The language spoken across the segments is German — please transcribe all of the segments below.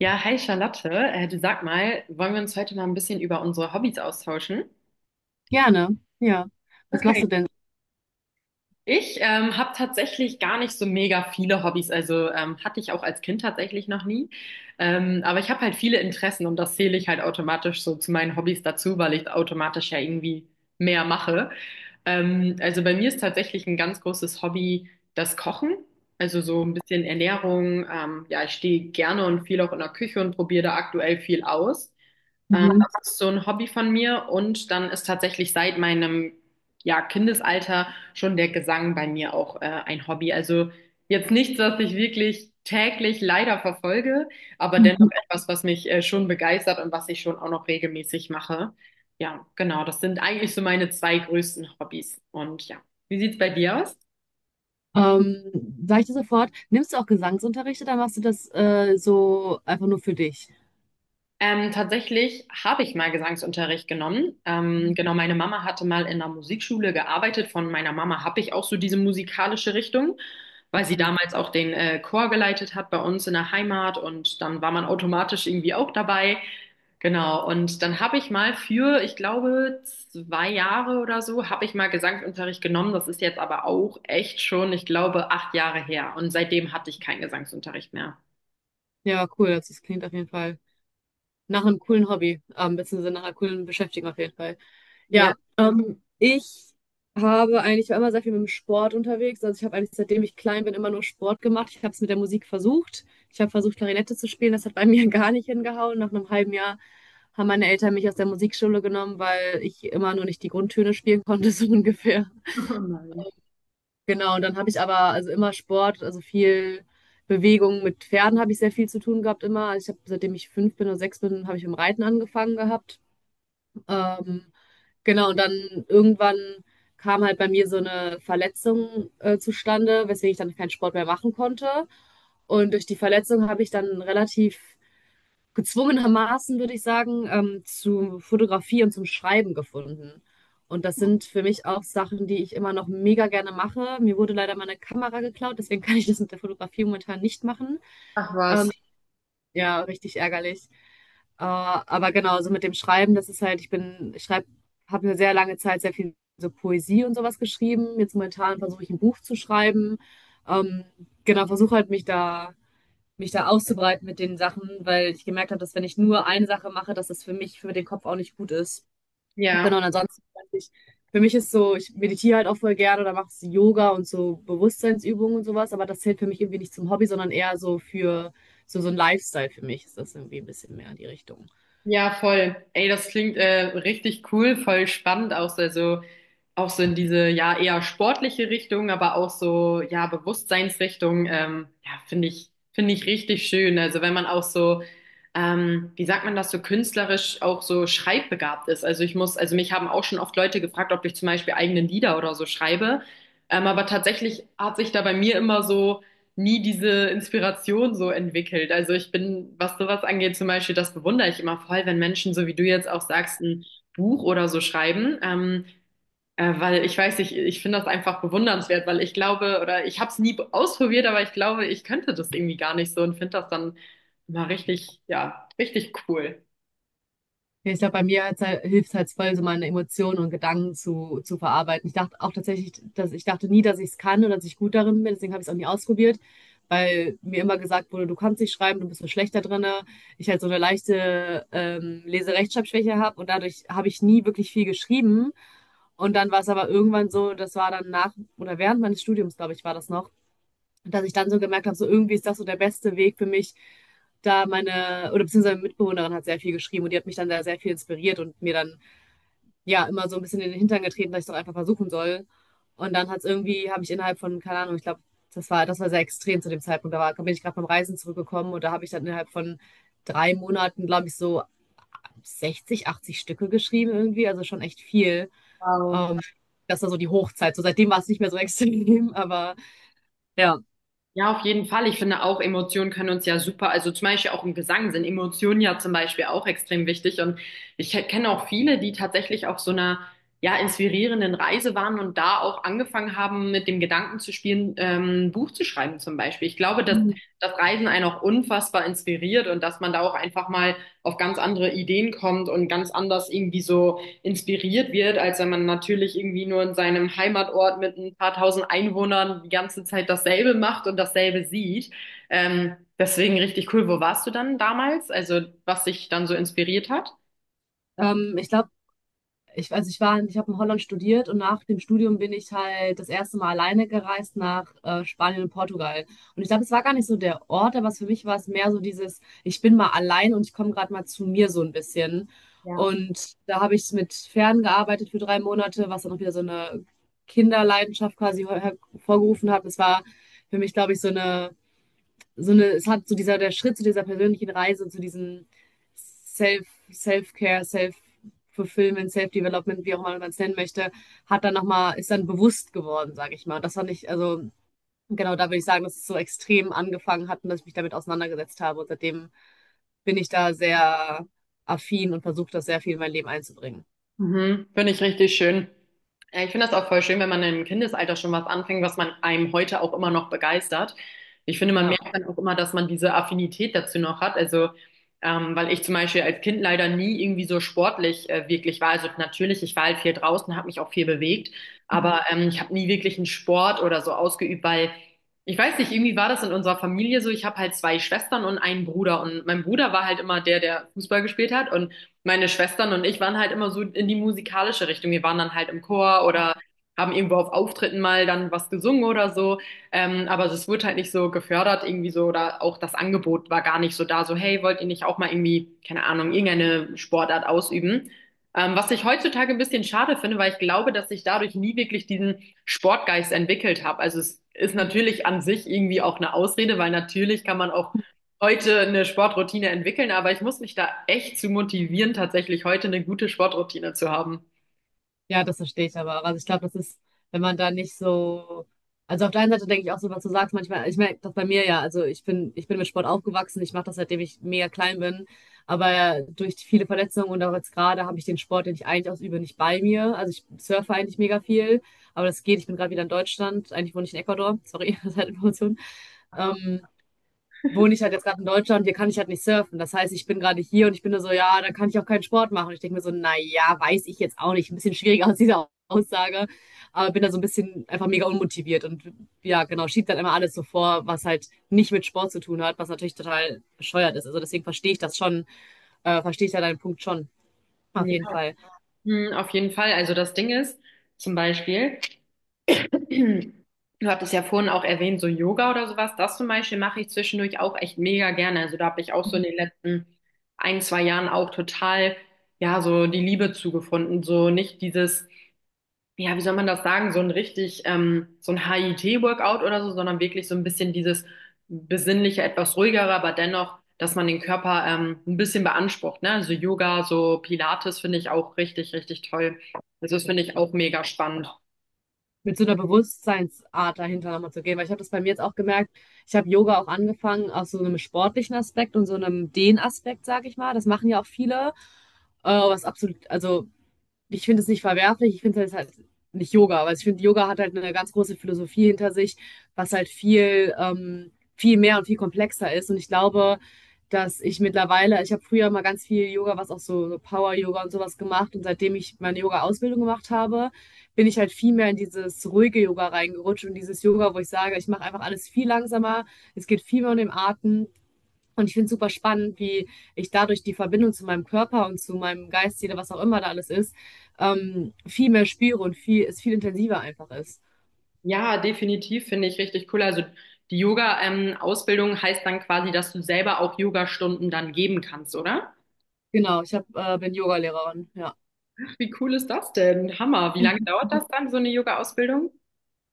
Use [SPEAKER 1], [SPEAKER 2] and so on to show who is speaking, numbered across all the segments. [SPEAKER 1] Ja, hi Charlotte. Du sag mal, wollen wir uns heute mal ein bisschen über unsere Hobbys austauschen?
[SPEAKER 2] Gerne, ja. Was machst
[SPEAKER 1] Okay.
[SPEAKER 2] du denn?
[SPEAKER 1] Ich habe tatsächlich gar nicht so mega viele Hobbys, also hatte ich auch als Kind tatsächlich noch nie. Aber ich habe halt viele Interessen und das zähle ich halt automatisch so zu meinen Hobbys dazu, weil ich automatisch ja irgendwie mehr mache. Also bei mir ist tatsächlich ein ganz großes Hobby das Kochen, also so ein bisschen Ernährung. Ja, ich stehe gerne und viel auch in der Küche und probiere da aktuell viel aus.
[SPEAKER 2] Mhm.
[SPEAKER 1] Das ist so ein Hobby von mir und dann ist tatsächlich seit meinem ja, Kindesalter schon der Gesang bei mir auch ein Hobby. Also jetzt nichts, was ich wirklich täglich leider verfolge, aber dennoch
[SPEAKER 2] Mhm.
[SPEAKER 1] etwas, was mich schon begeistert und was ich schon auch noch regelmäßig mache. Ja, genau, das sind eigentlich so meine zwei größten Hobbys. Und ja, wie sieht's bei dir aus?
[SPEAKER 2] Sag ich dir sofort, nimmst du auch Gesangsunterricht oder machst du das so einfach nur für dich?
[SPEAKER 1] Tatsächlich habe ich mal Gesangsunterricht genommen. Genau, meine Mama hatte mal in einer Musikschule gearbeitet. Von meiner Mama habe ich auch so diese musikalische Richtung, weil sie
[SPEAKER 2] Mhm.
[SPEAKER 1] damals auch den Chor geleitet hat bei uns in der Heimat und dann war man automatisch irgendwie auch dabei. Genau, und dann habe ich mal für, ich glaube, zwei Jahre oder so, habe ich mal Gesangsunterricht genommen. Das ist jetzt aber auch echt schon, ich glaube, acht Jahre her. Und seitdem hatte ich keinen Gesangsunterricht mehr.
[SPEAKER 2] Ja, cool, das klingt auf jeden Fall. Nach einem coolen Hobby, beziehungsweise nach einer coolen Beschäftigung auf jeden Fall.
[SPEAKER 1] Ja,
[SPEAKER 2] Ja, ich habe eigentlich ich war immer sehr viel mit dem Sport unterwegs. Also ich habe eigentlich seitdem ich klein bin immer nur Sport gemacht. Ich habe es mit der Musik versucht. Ich habe versucht, Klarinette zu spielen. Das hat bei mir gar nicht hingehauen. Nach einem halben Jahr haben meine Eltern mich aus der Musikschule genommen, weil ich immer nur nicht die Grundtöne spielen konnte, so ungefähr.
[SPEAKER 1] oh nein.
[SPEAKER 2] Genau, und dann habe ich aber also immer Sport, also viel Bewegung mit Pferden habe ich sehr viel zu tun gehabt immer. Also ich habe, seitdem ich 5 bin oder 6 bin, habe ich mit dem Reiten angefangen gehabt. Ähm, genau, und dann irgendwann kam halt bei mir so eine Verletzung zustande, weswegen ich dann keinen Sport mehr machen konnte. Und durch die Verletzung habe ich dann relativ gezwungenermaßen, würde ich sagen, zu Fotografie und zum Schreiben gefunden. Und das sind für mich auch Sachen, die ich immer noch mega gerne mache. Mir wurde leider meine Kamera geklaut, deswegen kann ich das mit der Fotografie momentan nicht machen.
[SPEAKER 1] Ach was.
[SPEAKER 2] Ähm, ja, richtig ärgerlich. Aber genau, so mit dem Schreiben, das ist halt, ich schreibe, habe eine sehr lange Zeit sehr viel so Poesie und sowas geschrieben. Jetzt momentan versuche ich ein Buch zu schreiben. Ähm, genau, versuche halt mich da auszubreiten mit den Sachen, weil ich gemerkt habe, dass wenn ich nur eine Sache mache, dass das für mich, für den Kopf auch nicht gut ist.
[SPEAKER 1] Ja.
[SPEAKER 2] Genau, und ansonsten, weiß ich, für mich ist so, ich meditiere halt auch voll gerne oder mache so Yoga und so Bewusstseinsübungen und sowas, aber das zählt für mich irgendwie nicht zum Hobby, sondern eher so für so, so ein Lifestyle für mich ist das irgendwie ein bisschen mehr in die Richtung.
[SPEAKER 1] Ja, voll. Ey, das klingt richtig cool, voll spannend auch so, also auch so in diese ja eher sportliche Richtung, aber auch so ja Bewusstseinsrichtung. Ja, finde ich richtig schön. Also wenn man auch so wie sagt man das so künstlerisch auch so schreibbegabt ist. Also mich haben auch schon oft Leute gefragt, ob ich zum Beispiel eigene Lieder oder so schreibe. Aber tatsächlich hat sich da bei mir immer so nie diese Inspiration so entwickelt. Also ich bin, was sowas angeht, zum Beispiel, das bewundere ich immer voll, wenn Menschen, so wie du jetzt auch sagst, ein Buch oder so schreiben. Weil ich weiß, nicht, ich finde das einfach bewundernswert, weil ich glaube, oder ich habe es nie ausprobiert, aber ich glaube, ich könnte das irgendwie gar nicht so und finde das dann mal richtig, ja, richtig cool.
[SPEAKER 2] Ja, ich glaube, bei mir hat's halt, hilft es halt voll, so meine Emotionen und Gedanken zu verarbeiten. Ich dachte auch tatsächlich, dass ich dachte nie, dass ich es kann oder dass ich gut darin bin, deswegen habe ich es auch nie ausprobiert, weil mir immer gesagt wurde, du kannst nicht schreiben, du bist so schlecht da drin, ne? Ich halt so eine leichte Leserechtschreibschwäche habe und dadurch habe ich nie wirklich viel geschrieben. Und dann war es aber irgendwann so, das war dann nach oder während meines Studiums, glaube ich, war das noch, und dass ich dann so gemerkt habe, so irgendwie ist das so der beste Weg für mich, da meine, oder beziehungsweise meine Mitbewohnerin hat sehr viel geschrieben und die hat mich dann da sehr viel inspiriert und mir dann ja immer so ein bisschen in den Hintern getreten, dass ich es doch einfach versuchen soll. Und dann hat es irgendwie, habe ich innerhalb von, keine Ahnung, ich glaube, das war sehr extrem zu dem Zeitpunkt. Da war, bin ich gerade vom Reisen zurückgekommen und da habe ich dann innerhalb von 3 Monaten, glaube ich, so 60, 80 Stücke geschrieben irgendwie, also schon echt viel.
[SPEAKER 1] Wow.
[SPEAKER 2] Ähm, das war so die Hochzeit. So seitdem war es nicht mehr so extrem, aber ja.
[SPEAKER 1] Ja, auf jeden Fall. Ich finde auch, Emotionen können uns ja super, also zum Beispiel auch im Gesang sind Emotionen ja zum Beispiel auch extrem wichtig. Und ich kenne auch viele, die tatsächlich auf so einer, ja, inspirierenden Reise waren und da auch angefangen haben, mit dem Gedanken zu spielen, ein Buch zu schreiben zum Beispiel. Ich glaube, dass
[SPEAKER 2] Mhm.
[SPEAKER 1] das Reisen einen auch unfassbar inspiriert und dass man da auch einfach mal auf ganz andere Ideen kommt und ganz anders irgendwie so inspiriert wird, als wenn man natürlich irgendwie nur in seinem Heimatort mit ein paar tausend Einwohnern die ganze Zeit dasselbe macht und dasselbe sieht. Deswegen richtig cool. Wo warst du dann damals? Also was dich dann so inspiriert hat?
[SPEAKER 2] Ich glaube, ich, also ich war, ich habe in Holland studiert und nach dem Studium bin ich halt das erste Mal alleine gereist nach Spanien und Portugal. Und ich glaube, es war gar nicht so der Ort, aber es für mich war es mehr so dieses, ich bin mal allein und ich komme gerade mal zu mir so ein bisschen. Und da habe ich mit Fern gearbeitet für 3 Monate, was dann auch wieder so eine Kinderleidenschaft quasi hervorgerufen hat. Das war für mich, glaube ich, so eine, es hat so dieser, der Schritt zu dieser persönlichen Reise, zu diesem Self, Self-Care, Self-Fulfillment, Self-Development, wie auch immer man es nennen möchte, hat dann nochmal, ist dann bewusst geworden, sage ich mal. Und das fand ich, also genau, da würde ich sagen, dass es so extrem angefangen hat und dass ich mich damit auseinandergesetzt habe. Und seitdem bin ich da sehr affin und versuche das sehr viel in mein Leben einzubringen.
[SPEAKER 1] Mhm, finde ich richtig schön. Ja, ich finde das auch voll schön, wenn man im Kindesalter schon was anfängt, was man einem heute auch immer noch begeistert. Ich finde, man
[SPEAKER 2] Ja.
[SPEAKER 1] merkt dann auch immer, dass man diese Affinität dazu noch hat. Also, weil ich zum Beispiel als Kind leider nie irgendwie so sportlich wirklich war. Also natürlich, ich war halt viel draußen, habe mich auch viel bewegt,
[SPEAKER 2] Mhm.
[SPEAKER 1] aber ich habe nie wirklich einen Sport oder so ausgeübt, weil ich weiß nicht, irgendwie war das in unserer Familie so. Ich habe halt zwei Schwestern und einen Bruder und mein Bruder war halt immer der, der Fußball gespielt hat und meine Schwestern und ich waren halt immer so in die musikalische Richtung. Wir waren dann halt im Chor oder haben irgendwo auf Auftritten mal dann was gesungen oder so. Aber es wurde halt nicht so gefördert irgendwie so oder auch das Angebot war gar nicht so da. So, hey, wollt ihr nicht auch mal irgendwie, keine Ahnung, irgendeine Sportart ausüben? Was ich heutzutage ein bisschen schade finde, weil ich glaube, dass ich dadurch nie wirklich diesen Sportgeist entwickelt habe. Also es ist
[SPEAKER 2] Ja.
[SPEAKER 1] natürlich an sich irgendwie auch eine Ausrede, weil natürlich kann man auch heute eine Sportroutine entwickeln, aber ich muss mich da echt zu motivieren, tatsächlich heute eine gute Sportroutine zu haben.
[SPEAKER 2] Ja, das verstehe ich aber auch. Also ich glaube, das ist, wenn man da nicht so, also auf der einen Seite denke ich auch so, was du sagst, manchmal, ich merke das bei mir ja, also ich bin mit Sport aufgewachsen, ich mache das, seitdem ich mega klein bin, aber ja, durch viele Verletzungen und auch jetzt gerade habe ich den Sport, den ich eigentlich ausübe, nicht bei mir. Also ich surfe eigentlich mega viel, aber das geht, ich bin gerade wieder in Deutschland, eigentlich wohne ich in Ecuador, sorry, Zeitinformation wohne ich halt jetzt gerade in Deutschland, hier kann ich halt nicht surfen. Das heißt, ich bin gerade hier und ich bin nur so, ja, da kann ich auch keinen Sport machen. Und ich denke mir so, na ja, weiß ich jetzt auch nicht. Ein bisschen schwierig aus dieser Aussage, aber bin da so ein bisschen einfach mega unmotiviert und ja, genau, schiebt dann immer alles so vor, was halt nicht mit Sport zu tun hat, was natürlich total bescheuert ist. Also deswegen verstehe ich das schon, verstehe ich ja deinen Punkt schon, auf
[SPEAKER 1] Ja,
[SPEAKER 2] jeden Fall.
[SPEAKER 1] Hm, auf jeden Fall. Also das Ding ist, zum Beispiel, du hattest ja vorhin auch erwähnt, so Yoga oder sowas, das zum Beispiel mache ich zwischendurch auch echt mega gerne. Also da habe ich auch so in den letzten ein, zwei Jahren auch total, ja, so die Liebe zugefunden. So nicht dieses ja, wie soll man das sagen, so ein richtig, so ein HIIT-Workout oder so, sondern wirklich so ein bisschen dieses besinnliche, etwas ruhigere, aber dennoch, dass man den Körper ein bisschen beansprucht, ne? Also Yoga, so Pilates finde ich auch richtig, richtig toll. Also das finde ich auch mega spannend.
[SPEAKER 2] Mit so einer Bewusstseinsart dahinter nochmal zu gehen. Weil ich habe das bei mir jetzt auch gemerkt, ich habe Yoga auch angefangen aus so einem sportlichen Aspekt und so einem Dehnaspekt, sage ich mal. Das machen ja auch viele, was absolut, also ich finde es nicht verwerflich, ich finde es halt nicht Yoga, weil ich finde, Yoga hat halt eine ganz große Philosophie hinter sich, was halt viel, viel mehr und viel komplexer ist. Und ich glaube, dass ich mittlerweile, ich habe früher mal ganz viel Yoga, was auch so Power-Yoga und sowas gemacht. Und seitdem ich meine Yoga-Ausbildung gemacht habe, bin ich halt viel mehr in dieses ruhige Yoga reingerutscht und dieses Yoga, wo ich sage, ich mache einfach alles viel langsamer, es geht viel mehr um den Atem. Und ich finde es super spannend, wie ich dadurch die Verbindung zu meinem Körper und zu meinem Geist, jeder, was auch immer da alles ist, viel mehr spüre und viel, es viel intensiver einfach ist.
[SPEAKER 1] Ja, definitiv finde ich richtig cool. Also die Yoga-Ausbildung heißt dann quasi, dass du selber auch Yogastunden dann geben kannst, oder?
[SPEAKER 2] Genau, bin Yogalehrerin, ja.
[SPEAKER 1] Ach, wie cool ist das denn? Hammer. Wie lange dauert das dann, so eine Yoga-Ausbildung?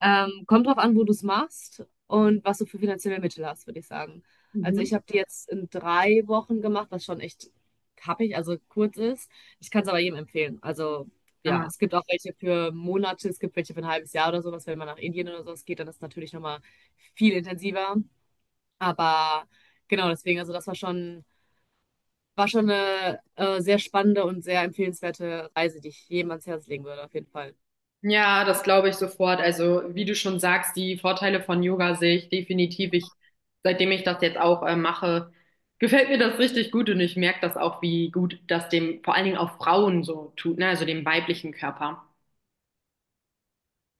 [SPEAKER 2] Kommt drauf an, wo du es machst und was du für finanzielle Mittel hast, würde ich sagen. Also ich
[SPEAKER 1] Mhm.
[SPEAKER 2] habe die jetzt in 3 Wochen gemacht, was schon echt happig, also kurz ist. Ich kann es aber jedem empfehlen. Also ja,
[SPEAKER 1] Hammer.
[SPEAKER 2] es gibt auch welche für Monate, es gibt welche für ein halbes Jahr oder sowas. Wenn man nach Indien oder sowas geht, dann ist es natürlich nochmal viel intensiver. Aber genau, deswegen, also war schon eine sehr spannende und sehr empfehlenswerte Reise, die ich jedem ans Herz legen würde, auf jeden Fall.
[SPEAKER 1] Ja, das glaube ich sofort. Also, wie du schon sagst, die Vorteile von Yoga sehe ich definitiv. Ich, seitdem ich das jetzt auch mache, gefällt mir das richtig gut und ich merke das auch, wie gut das dem vor allen Dingen auch Frauen so tut, ne? Also dem weiblichen Körper.